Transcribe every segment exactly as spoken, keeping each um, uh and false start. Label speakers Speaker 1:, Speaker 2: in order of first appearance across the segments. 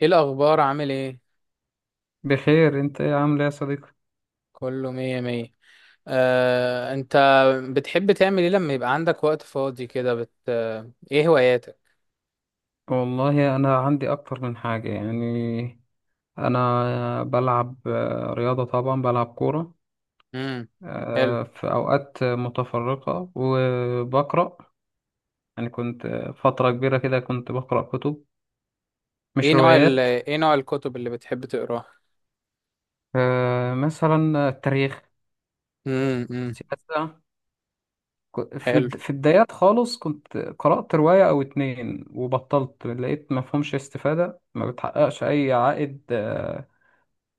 Speaker 1: ايه الاخبار؟ عامل ايه؟
Speaker 2: بخير، انت ايه عامل ايه يا صديقي؟
Speaker 1: كله مية مية. آه، انت بتحب تعمل ايه لما يبقى عندك وقت فاضي كده؟ بت... آه، ايه هواياتك؟
Speaker 2: والله انا عندي اكتر من حاجه يعني. انا بلعب آه، رياضه، طبعا بلعب كوره
Speaker 1: امم. حلو.
Speaker 2: آه، في اوقات متفرقه، وبقرا. يعني كنت فتره كبيره كده كنت بقرا كتب،
Speaker 1: ايه
Speaker 2: مش
Speaker 1: نوع ال...
Speaker 2: روايات.
Speaker 1: ايه نوع الكتب اللي بتحب تقراها؟
Speaker 2: آه، مثلا التاريخ،
Speaker 1: امم امم
Speaker 2: السياسه. ك- في
Speaker 1: حلو.
Speaker 2: بد- في البدايات خالص كنت قرأت رواية أو اتنين وبطلت، لقيت مفهومش استفادة، ما بتحققش أي عائد آه،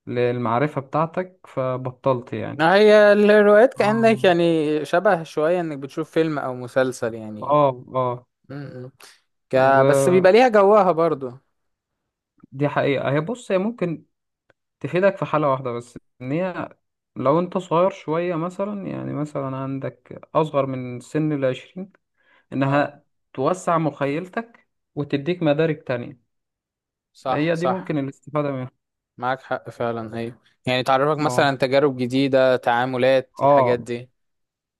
Speaker 2: للمعرفة بتاعتك، فبطلت يعني.
Speaker 1: ما هي الروايات كأنك
Speaker 2: اه.
Speaker 1: يعني شبه شوية انك بتشوف فيلم او مسلسل يعني.
Speaker 2: اه. اه.
Speaker 1: امم. ك... بس
Speaker 2: ودي
Speaker 1: بيبقى ليها جواها برضو.
Speaker 2: حقيقة. هي، بص، هي ممكن تفيدك في حالة واحدة بس، ان هي لو انت صغير شوية مثلا، يعني مثلا عندك اصغر من سن العشرين،
Speaker 1: اه.
Speaker 2: انها توسع مخيلتك وتديك مدارك تانية.
Speaker 1: صح
Speaker 2: هي دي
Speaker 1: صح.
Speaker 2: ممكن الاستفادة منها.
Speaker 1: معاك حق فعلا، ايوه. يعني تعرفك
Speaker 2: اه.
Speaker 1: مثلا تجارب جديدة، تعاملات الحاجات
Speaker 2: اه.
Speaker 1: دي.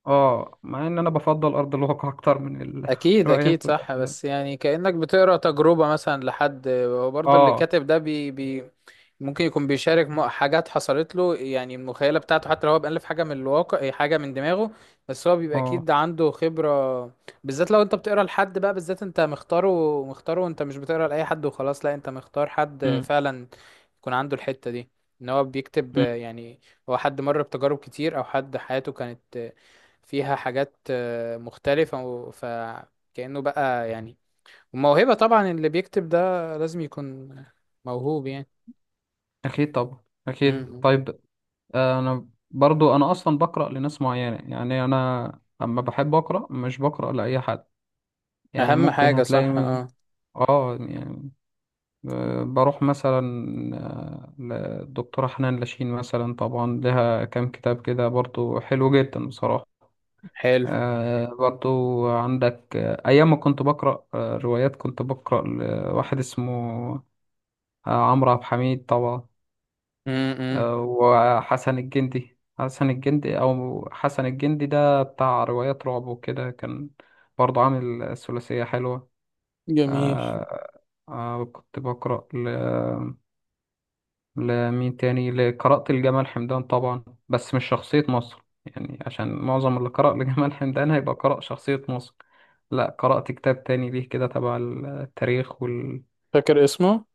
Speaker 2: اه. مع ان انا بفضل ارض الواقع اكتر من ال-
Speaker 1: اكيد اكيد،
Speaker 2: الروايات
Speaker 1: صح.
Speaker 2: والافلام.
Speaker 1: بس يعني كأنك بتقرا تجربة مثلا لحد، وبرضه اللي
Speaker 2: اه.
Speaker 1: كاتب ده بي بي ممكن يكون بيشارك م- حاجات حصلت له، يعني المخيلة بتاعته حتى لو هو بألف حاجة من الواقع إيه، حاجة من دماغه. بس هو بيبقى
Speaker 2: اه.
Speaker 1: اكيد عنده خبرة، بالذات لو انت بتقرا لحد بقى، بالذات انت مختاره. مختاره وانت مش بتقرا لأي حد وخلاص، لا انت مختار حد
Speaker 2: مم.
Speaker 1: فعلا يكون عنده الحتة دي، ان هو بيكتب آه، يعني هو حد مر بتجارب كتير، او حد حياته كانت آه، فيها حاجات آه، مختلفة و- فكأنه بقى يعني. وموهبة طبعا، اللي بيكتب ده لازم يكون موهوب يعني.
Speaker 2: أكيد طبعا،
Speaker 1: م-
Speaker 2: أكيد.
Speaker 1: م.
Speaker 2: طيب. آه، أنا برضو، أنا أصلا بقرأ لناس معينة، يعني أنا أما بحب أقرأ مش بقرأ لأي حد. يعني
Speaker 1: اهم
Speaker 2: ممكن
Speaker 1: حاجة،
Speaker 2: هتلاقي
Speaker 1: صح،
Speaker 2: من،
Speaker 1: اه.
Speaker 2: آه يعني، آه، بروح مثلا آه، للدكتورة حنان لاشين مثلا، طبعا لها كام كتاب كده برضو حلو جدا بصراحة.
Speaker 1: حلو.
Speaker 2: آه، برضو عندك آه، أيام ما كنت بقرأ آه، روايات، كنت بقرأ لواحد اسمه آه، عمرو عبد الحميد طبعا،
Speaker 1: م- م.
Speaker 2: آه، وحسن الجندي، حسن الجندي، أو حسن الجندي، ده بتاع روايات رعب وكده، كان برضه عامل ثلاثية حلوة.
Speaker 1: جميل.
Speaker 2: آه آه كنت بقرأ ل... لمين تاني؟ ل- قرأت لجمال حمدان طبعا، بس مش شخصية مصر، يعني عشان معظم اللي قرأ لجمال حمدان هيبقى قرأ شخصية مصر. لا، قرأت كتاب تاني ليه كده تبع التاريخ وال
Speaker 1: فاكر اسمه؟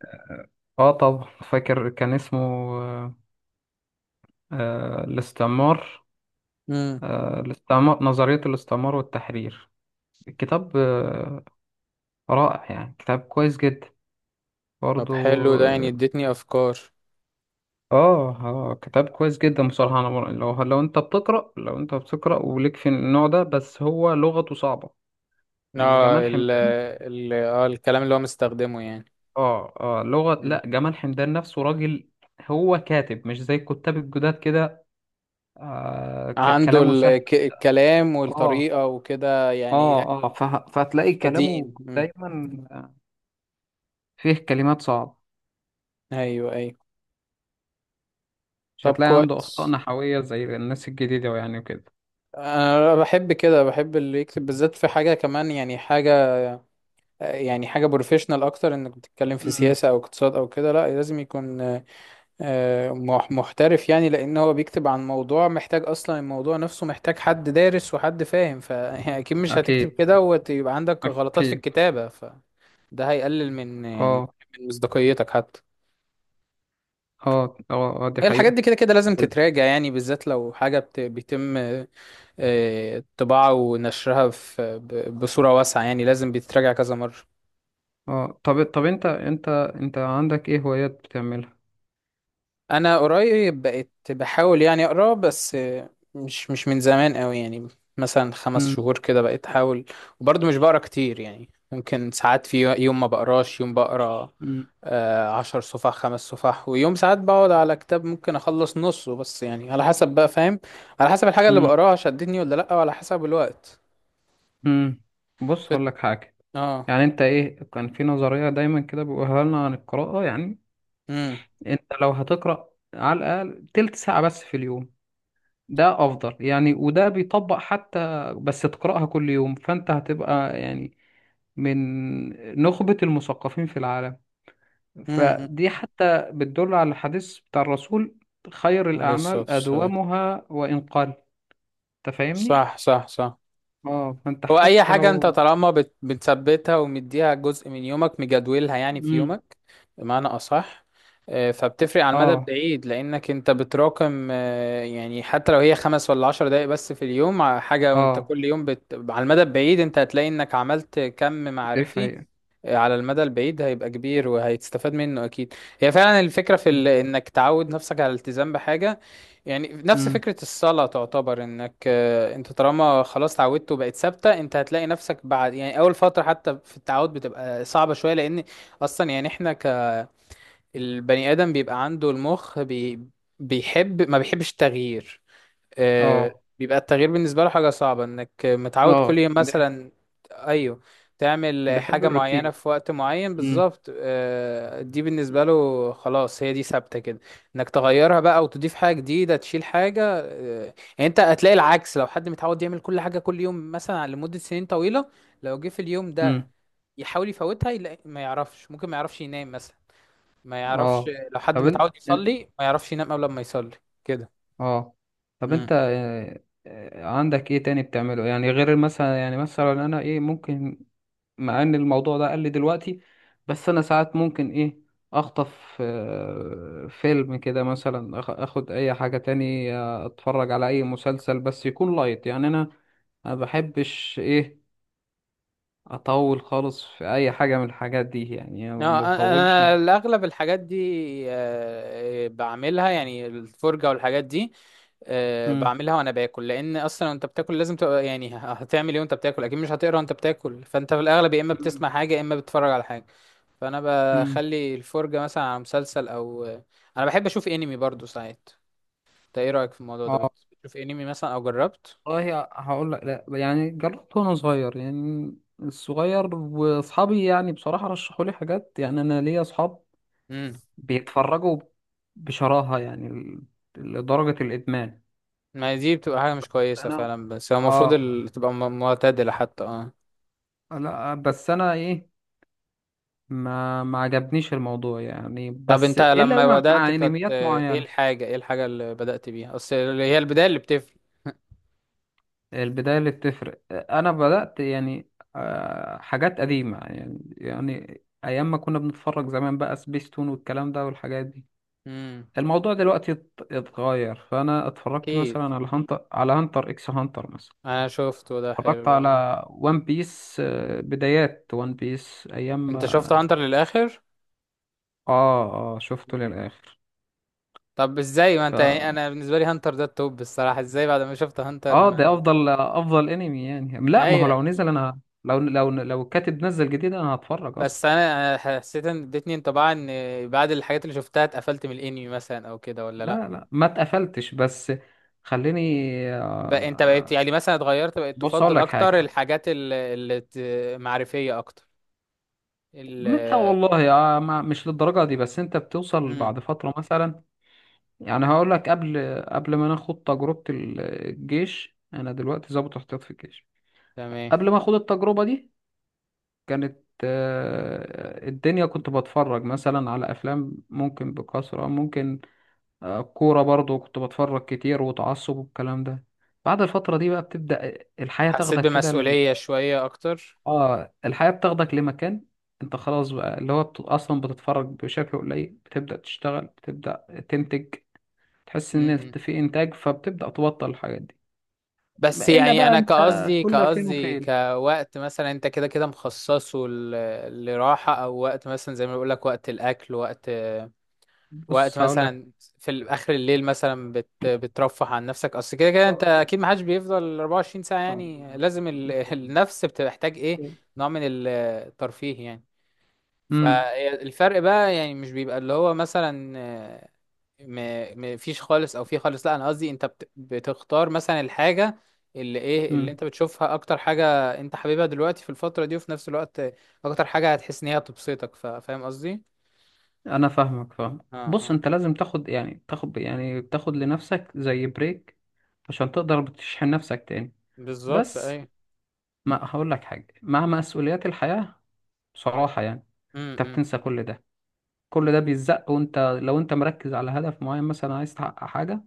Speaker 2: اه طب فاكر، كان اسمه آه آه، الاستعمار.
Speaker 1: م.
Speaker 2: آه، الاستعمار، نظرية الاستعمار والتحرير. الكتاب آه، رائع يعني، كتاب كويس جدا
Speaker 1: طب
Speaker 2: برضو.
Speaker 1: حلو، ده يعني اديتني افكار.
Speaker 2: اه. اه. كتاب كويس جدا بصراحة. أنا بر- لو، لو أنت بتقرأ لو أنت بتقرأ وليك في النوع ده، بس هو لغته صعبة. يعني
Speaker 1: اه،
Speaker 2: جمال
Speaker 1: ال
Speaker 2: حمدان
Speaker 1: ال اه، الكلام اللي هو مستخدمه يعني.
Speaker 2: اه اه لغة، لا جمال حمدان نفسه راجل، هو كاتب مش زي الكتاب الجداد كده. آه ك-
Speaker 1: عنده
Speaker 2: كلامه
Speaker 1: ال-
Speaker 2: سهل.
Speaker 1: الك- الكلام
Speaker 2: اه.
Speaker 1: والطريقة وكده يعني
Speaker 2: اه. اه. فه- فهتلاقي كلامه
Speaker 1: قديم. مم.
Speaker 2: دايما آه، فيه كلمات صعبة،
Speaker 1: ايوه ايوه.
Speaker 2: مش
Speaker 1: طب
Speaker 2: هتلاقي عنده أخطاء
Speaker 1: كويس.
Speaker 2: نحوية زي الناس الجديدة، يعني وكده.
Speaker 1: انا بحب كده، بحب اللي يكتب بالذات في حاجة كمان، يعني حاجة، يعني حاجة بروفيشنال اكتر، انك بتتكلم في
Speaker 2: امم.
Speaker 1: سياسة او اقتصاد او كده. لا لازم يكون آه، مح- محترف يعني، لان هو بيكتب عن موضوع محتاج، اصلا الموضوع نفسه محتاج حد دارس وحد فاهم، فاكيد مش هتكتب
Speaker 2: أكيد.
Speaker 1: كده ويبقى عندك غلطات في
Speaker 2: أكيد.
Speaker 1: الكتابة، فده هيقلل من يعني
Speaker 2: أه.
Speaker 1: من مصداقيتك حتى.
Speaker 2: أه. أه. آه، دي
Speaker 1: هي الحاجات
Speaker 2: حقيقة.
Speaker 1: دي كده كده لازم
Speaker 2: ال-
Speaker 1: تتراجع يعني، بالذات لو حاجة بت- بيتم آه، طباعة ونشرها في ب- بصورة واسعة يعني، لازم بيتراجع كذا مرة.
Speaker 2: أه، طب، طب أنت أنت أنت عندك إيه هوايات بتعملها؟
Speaker 1: انا قريب بقيت بحاول يعني اقرا، بس مش مش من زمان قوي يعني، مثلا خمس
Speaker 2: امم.
Speaker 1: شهور كده بقيت احاول. وبرضه مش بقرا كتير يعني، ممكن ساعات في يوم ما بقراش، يوم بقرا
Speaker 2: امم.
Speaker 1: آه، عشر صفح، خمس صفح، ويوم ساعات بقعد على كتاب ممكن اخلص نصه، بس يعني على حسب بقى، فاهم؟ على حسب الحاجة اللي
Speaker 2: امم.
Speaker 1: بقراها شدتني ولا لا، وعلى حسب الوقت.
Speaker 2: امم. بص،
Speaker 1: فت...
Speaker 2: هقول لك حاجة.
Speaker 1: اه.
Speaker 2: يعني أنت إيه، كان في نظرية دايما كده بيقولها لنا عن القراءة يعني.
Speaker 1: امم
Speaker 2: أنت لو هتقرأ على الأقل تلت ساعة بس في اليوم، ده أفضل يعني، وده بيطبق حتى. بس تقرأها كل يوم، فأنت هتبقى يعني من نخبة المثقفين في العالم.
Speaker 1: امم امم.
Speaker 2: فدي حتى بتدل على الحديث بتاع الرسول، خير
Speaker 1: عليه الصلاة
Speaker 2: الأعمال
Speaker 1: والسلام.
Speaker 2: أدومها وإن قل. أنت فاهمني؟
Speaker 1: صح صح صح.
Speaker 2: اه، فأنت
Speaker 1: هو اي
Speaker 2: حتى
Speaker 1: حاجه انت
Speaker 2: لو
Speaker 1: طالما بت- بتثبتها ومديها جزء من يومك، مجدولها يعني في
Speaker 2: مم.
Speaker 1: يومك بمعنى اصح، آه، فبتفرق على المدى
Speaker 2: اه.
Speaker 1: البعيد، لانك انت بتراكم آه، يعني حتى لو هي خمس ولا عشر دقايق بس في اليوم ع- حاجه، وانت
Speaker 2: اه.
Speaker 1: كل يوم بت... على المدى البعيد انت هتلاقي انك عملت كم
Speaker 2: دي
Speaker 1: معرفي.
Speaker 2: حقيقة.
Speaker 1: على المدى البعيد هيبقى كبير، وهيتستفاد منه اكيد. هي فعلا الفكره في ال...
Speaker 2: مم.
Speaker 1: انك تعود نفسك على الالتزام بحاجه يعني، نفس
Speaker 2: مم.
Speaker 1: فكره الصلاه. تعتبر انك آه، انت طالما خلاص تعودت وبقت ثابته، انت هتلاقي نفسك بعد يعني اول فتره حتى في التعود بتبقى صعبه شويه، لان اصلا يعني احنا كالبني ادم بيبقى عنده المخ بي... بيحب، ما بيحبش التغيير. آه،
Speaker 2: اه.
Speaker 1: بيبقى التغيير بالنسبة له حاجة صعبة. انك متعود كل
Speaker 2: اه.
Speaker 1: يوم
Speaker 2: دي ح-
Speaker 1: مثلا، ايوه، تعمل
Speaker 2: بحب
Speaker 1: حاجة معينة
Speaker 2: الروتين.
Speaker 1: في وقت معين
Speaker 2: مم.
Speaker 1: بالظبط، آه، دي بالنسبة له خلاص، هي دي ثابتة كده. انك تغيرها بقى وتضيف حاجة جديدة، تشيل حاجة آه، يعني، انت هتلاقي العكس. لو حد متعود يعمل كل حاجة كل يوم مثلا لمدة سنين طويلة، لو جه في اليوم ده
Speaker 2: مم.
Speaker 1: يحاول يفوتها، يلاقي ما يعرفش، ممكن ما يعرفش ينام مثلا، ما يعرفش.
Speaker 2: اه.
Speaker 1: لو حد
Speaker 2: طب انت،
Speaker 1: متعود يصلي ما يعرفش ينام قبل ما يصلي كده.
Speaker 2: اه طب انت آه، آه، عندك ايه تاني بتعمله، يعني غير مثلا، يعني مثلا انا ايه ممكن، مع ان الموضوع ده قل دلوقتي، بس انا ساعات ممكن ايه، اخطف آه، فيلم كده مثلا، أخ- اخد اي حاجة تاني، آه، اتفرج على اي مسلسل، بس يكون لايت، يعني انا ما بحبش ايه، اطول خالص في اي حاجة من الحاجات دي، يعني
Speaker 1: اه،
Speaker 2: ما بطولش.
Speaker 1: انا الاغلب الحاجات دي آه، بعملها، يعني الفرجه والحاجات دي آه،
Speaker 2: مم.
Speaker 1: بعملها وانا باكل، لان اصلا وانت بتاكل لازم تبقى يعني هتعمل ايه وانت بتاكل، اكيد مش هتقرا وانت بتاكل، فانت في الاغلب يا اما
Speaker 2: مم.
Speaker 1: بتسمع حاجه يا اما بتتفرج على حاجه. فانا
Speaker 2: مم.
Speaker 1: بخلي الفرجه مثلا على مسلسل، او انا بحب اشوف انمي برضو ساعات. انت ايه رايك في الموضوع ده،
Speaker 2: اه،
Speaker 1: بت- بتشوف انمي مثلا او جربت؟
Speaker 2: والله هقول لك، لا يعني جربت وانا صغير، يعني الصغير، واصحابي يعني بصراحة رشحوا لي حاجات، يعني انا ليا اصحاب
Speaker 1: امم.
Speaker 2: بيتفرجوا بشراهة، يعني ل- لدرجة الإدمان.
Speaker 1: ما هي دي بتبقى حاجه مش كويسه
Speaker 2: أنا
Speaker 1: فعلا، بس هو المفروض
Speaker 2: آه
Speaker 1: ال- تبقى م- معتدله حتى، اه.
Speaker 2: لا، بس أنا إيه، ما ما عجبنيش الموضوع، يعني
Speaker 1: طب
Speaker 2: بس
Speaker 1: انت لما
Speaker 2: إلا
Speaker 1: بدأت
Speaker 2: مع
Speaker 1: كانت
Speaker 2: أنميات
Speaker 1: آه، ايه
Speaker 2: معينة.
Speaker 1: الحاجة، ايه الحاجة اللي بدأت بيها، اصل اللي هي البداية اللي بتفرق؟
Speaker 2: البداية اللي بتفرق، أنا بدأت يعني آه، حاجات قديمة، يعني يعني أيام ما كنا بنتفرج زمان بقى، سبيستون والكلام ده والحاجات دي.
Speaker 1: امم.
Speaker 2: الموضوع دلوقتي ات- اتغير، فأنا اتفرجت
Speaker 1: اكيد.
Speaker 2: مثلا على هانتر، على هانتر إكس هانتر مثلا،
Speaker 1: انا شفته ده،
Speaker 2: اتفرجت
Speaker 1: حلو آه.
Speaker 2: على ون بيس، بدايات ون بيس ايام.
Speaker 1: انت شفت
Speaker 2: اه.
Speaker 1: هانتر للآخر؟
Speaker 2: اه، شفته
Speaker 1: مم.
Speaker 2: للاخر.
Speaker 1: طب ازاي؟ ما
Speaker 2: ف
Speaker 1: انت يعني انا بالنسبة لي هانتر ده التوب الصراحة، ازاي بعد ما شفت هانتر
Speaker 2: اه ده
Speaker 1: ما...
Speaker 2: افضل افضل انمي يعني. لا، ما هو
Speaker 1: ايوه.
Speaker 2: لو نزل، انا لو لو لو الكاتب نزل جديد انا هتفرج
Speaker 1: بس
Speaker 2: اصلا.
Speaker 1: انا انا حسيت ان ادتني انطباع ان بعد الحاجات اللي شفتها اتقفلت من الانمي مثلا او كده، ولا لا؟
Speaker 2: لا، لا، ما اتقفلتش، بس خليني
Speaker 1: بقى انت بقيت
Speaker 2: آه،
Speaker 1: يعني مثلا اتغيرت، بقيت
Speaker 2: بص اقول
Speaker 1: تفضل
Speaker 2: لك
Speaker 1: اكتر
Speaker 2: حاجه.
Speaker 1: الحاجات ال- اللي ت- معرفية اكتر ال
Speaker 2: من، لا والله، آه، ما- مش للدرجه دي، بس انت بتوصل
Speaker 1: امم.
Speaker 2: بعد فتره مثلا. يعني هقول لك، قبل قبل ما ناخد تجربه الجيش، انا دلوقتي ضابط احتياط في الجيش.
Speaker 1: تمام.
Speaker 2: قبل ما اخد التجربة دي كانت آه، الدنيا، كنت بتفرج مثلا على افلام ممكن بكثرة، ممكن آه، كورة برضو كنت بتفرج كتير وتعصب والكلام ده. بعد الفترة دي بقى، بتبدأ الحياة
Speaker 1: حسيت
Speaker 2: تاخدك كده ال-
Speaker 1: بمسؤولية شوية أكتر.
Speaker 2: اه، الحياة بتاخدك لمكان، انت خلاص بقى، اللي هو بت- اصلا بتتفرج بشكل قليل، بتبدأ تشتغل، بتبدأ تنتج، تحس ان
Speaker 1: م-م.
Speaker 2: انت في انتاج، فبتبدأ تبطل الحاجات دي.
Speaker 1: بس
Speaker 2: ما- الا
Speaker 1: يعني
Speaker 2: بقى
Speaker 1: أنا
Speaker 2: انت
Speaker 1: كقصدي
Speaker 2: كل فين
Speaker 1: كقصدي
Speaker 2: وفين.
Speaker 1: كوقت، مثلا أنت كده كده مخصصه ل- لراحة، أو وقت مثلا زي ما بقولك وقت الأكل، وقت وقت
Speaker 2: بص هقول
Speaker 1: مثلا في ال- آخر الليل مثلا بت... بترفه عن نفسك، أصل كده كده أنت
Speaker 2: لك.
Speaker 1: أكيد محدش بيفضل أربعة وعشرين ساعة
Speaker 2: طبعا.
Speaker 1: يعني، لازم ال... النفس بتحتاج إيه نوع من الترفيه يعني.
Speaker 2: امم.
Speaker 1: فالفرق بقى يعني مش بيبقى اللي هو مثلا ما ما فيش خالص او في خالص، لا انا قصدي انت بت... بتختار مثلا الحاجه اللي ايه اللي
Speaker 2: امم.
Speaker 1: انت بتشوفها اكتر حاجه انت حاببها دلوقتي في الفتره دي، وفي نفس الوقت اكتر حاجه هتحس ان هي تبسطك، ف... فاهم قصدي؟
Speaker 2: انا فاهمك، فاهم.
Speaker 1: اه
Speaker 2: بص،
Speaker 1: اه.
Speaker 2: انت لازم تاخد يعني تاخد يعني تاخد لنفسك زي بريك، عشان تقدر تشحن نفسك تاني.
Speaker 1: بالظبط
Speaker 2: بس
Speaker 1: اي.
Speaker 2: ما هقول لك حاجه، مع مسؤوليات الحياه بصراحه يعني،
Speaker 1: امم
Speaker 2: انت
Speaker 1: امم
Speaker 2: بتنسى كل ده، كل ده بيتزق. وانت لو انت مركز على هدف معين مثلا، عايز تحقق حاجه،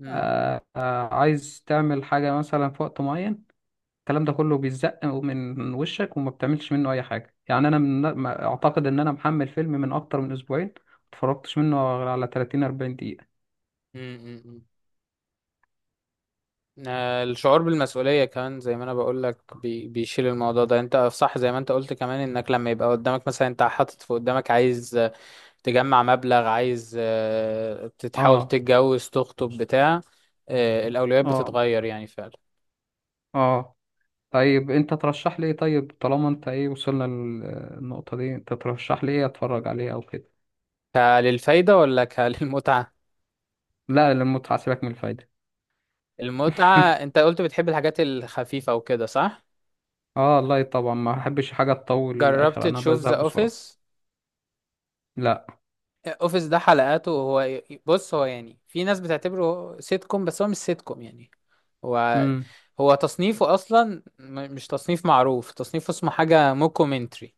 Speaker 1: امم
Speaker 2: آه آه عايز تعمل حاجه مثلا في وقت معين، الكلام ده كله بيتزق من وشك، وما بتعملش منه اي حاجه. يعني انا من... ما- اعتقد ان انا محمل فيلم من اكتر من اسبوعين، ما اتفرجتش منه غير على تلاتين اربعين دقيقه.
Speaker 1: امم، امم. آه، الشعور بالمسؤوليه كمان زي ما انا بقول لك بي... بيشيل الموضوع ده، انت صح زي ما انت قلت كمان، انك لما يبقى قدامك مثلا، انت حاطط في قدامك عايز تجمع مبلغ، عايز آه، تتحاول
Speaker 2: اه.
Speaker 1: تتجوز تخطب بتاع، آه، الأولويات
Speaker 2: اه.
Speaker 1: بتتغير يعني فعلا.
Speaker 2: اه. طيب، انت ترشح لي ايه؟ طيب طالما انت ايه، وصلنا للنقطه دي، انت ترشح لي ايه اتفرج عليه او كده؟
Speaker 1: كللفايدة ولا كللمتعة؟
Speaker 2: لا، للمتعه، سيبك من الفايده.
Speaker 1: المتعة. انت قلت بتحب الحاجات الخفيفة وكده، صح؟
Speaker 2: اه، لا طبعا ما احبش حاجه تطول
Speaker 1: جربت
Speaker 2: للاخر، انا
Speaker 1: تشوف
Speaker 2: بزهق
Speaker 1: ذا
Speaker 2: بسرعه.
Speaker 1: اوفيس؟
Speaker 2: لا.
Speaker 1: اوفيس ده حلقاته، هو بص، هو يعني في ناس بتعتبره سيت كوم، بس هو مش سيت كوم يعني. هو
Speaker 2: امم.
Speaker 1: هو تصنيفه اصلا م- مش تصنيف معروف، تصنيفه اسمه حاجة موكومنتري.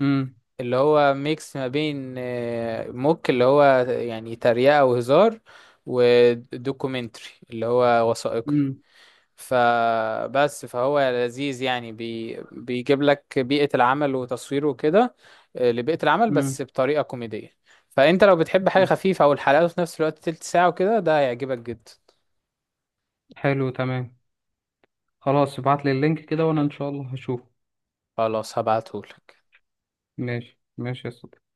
Speaker 2: امم.
Speaker 1: اللي هو ميكس ما بين آه، موك اللي هو يعني تريقة وهزار، ودوكيومنتري اللي هو وثائقي.
Speaker 2: امم.
Speaker 1: فبس فهو لذيذ يعني، بي بيجيب لك بيئة العمل وتصويره وكده، آه، لبيئة العمل
Speaker 2: امم.
Speaker 1: بس بطريقة كوميدية. فانت لو بتحب حاجة خفيفة، او الحلقات في نفس الوقت تلت ساعة وكده، ده هيعجبك جدا.
Speaker 2: حلو، تمام. خلاص، ابعت لي اللينك كده، وانا ان شاء الله هشوفه.
Speaker 1: خلاص هبعتهولك.
Speaker 2: ماشي، ماشي يا صديقي.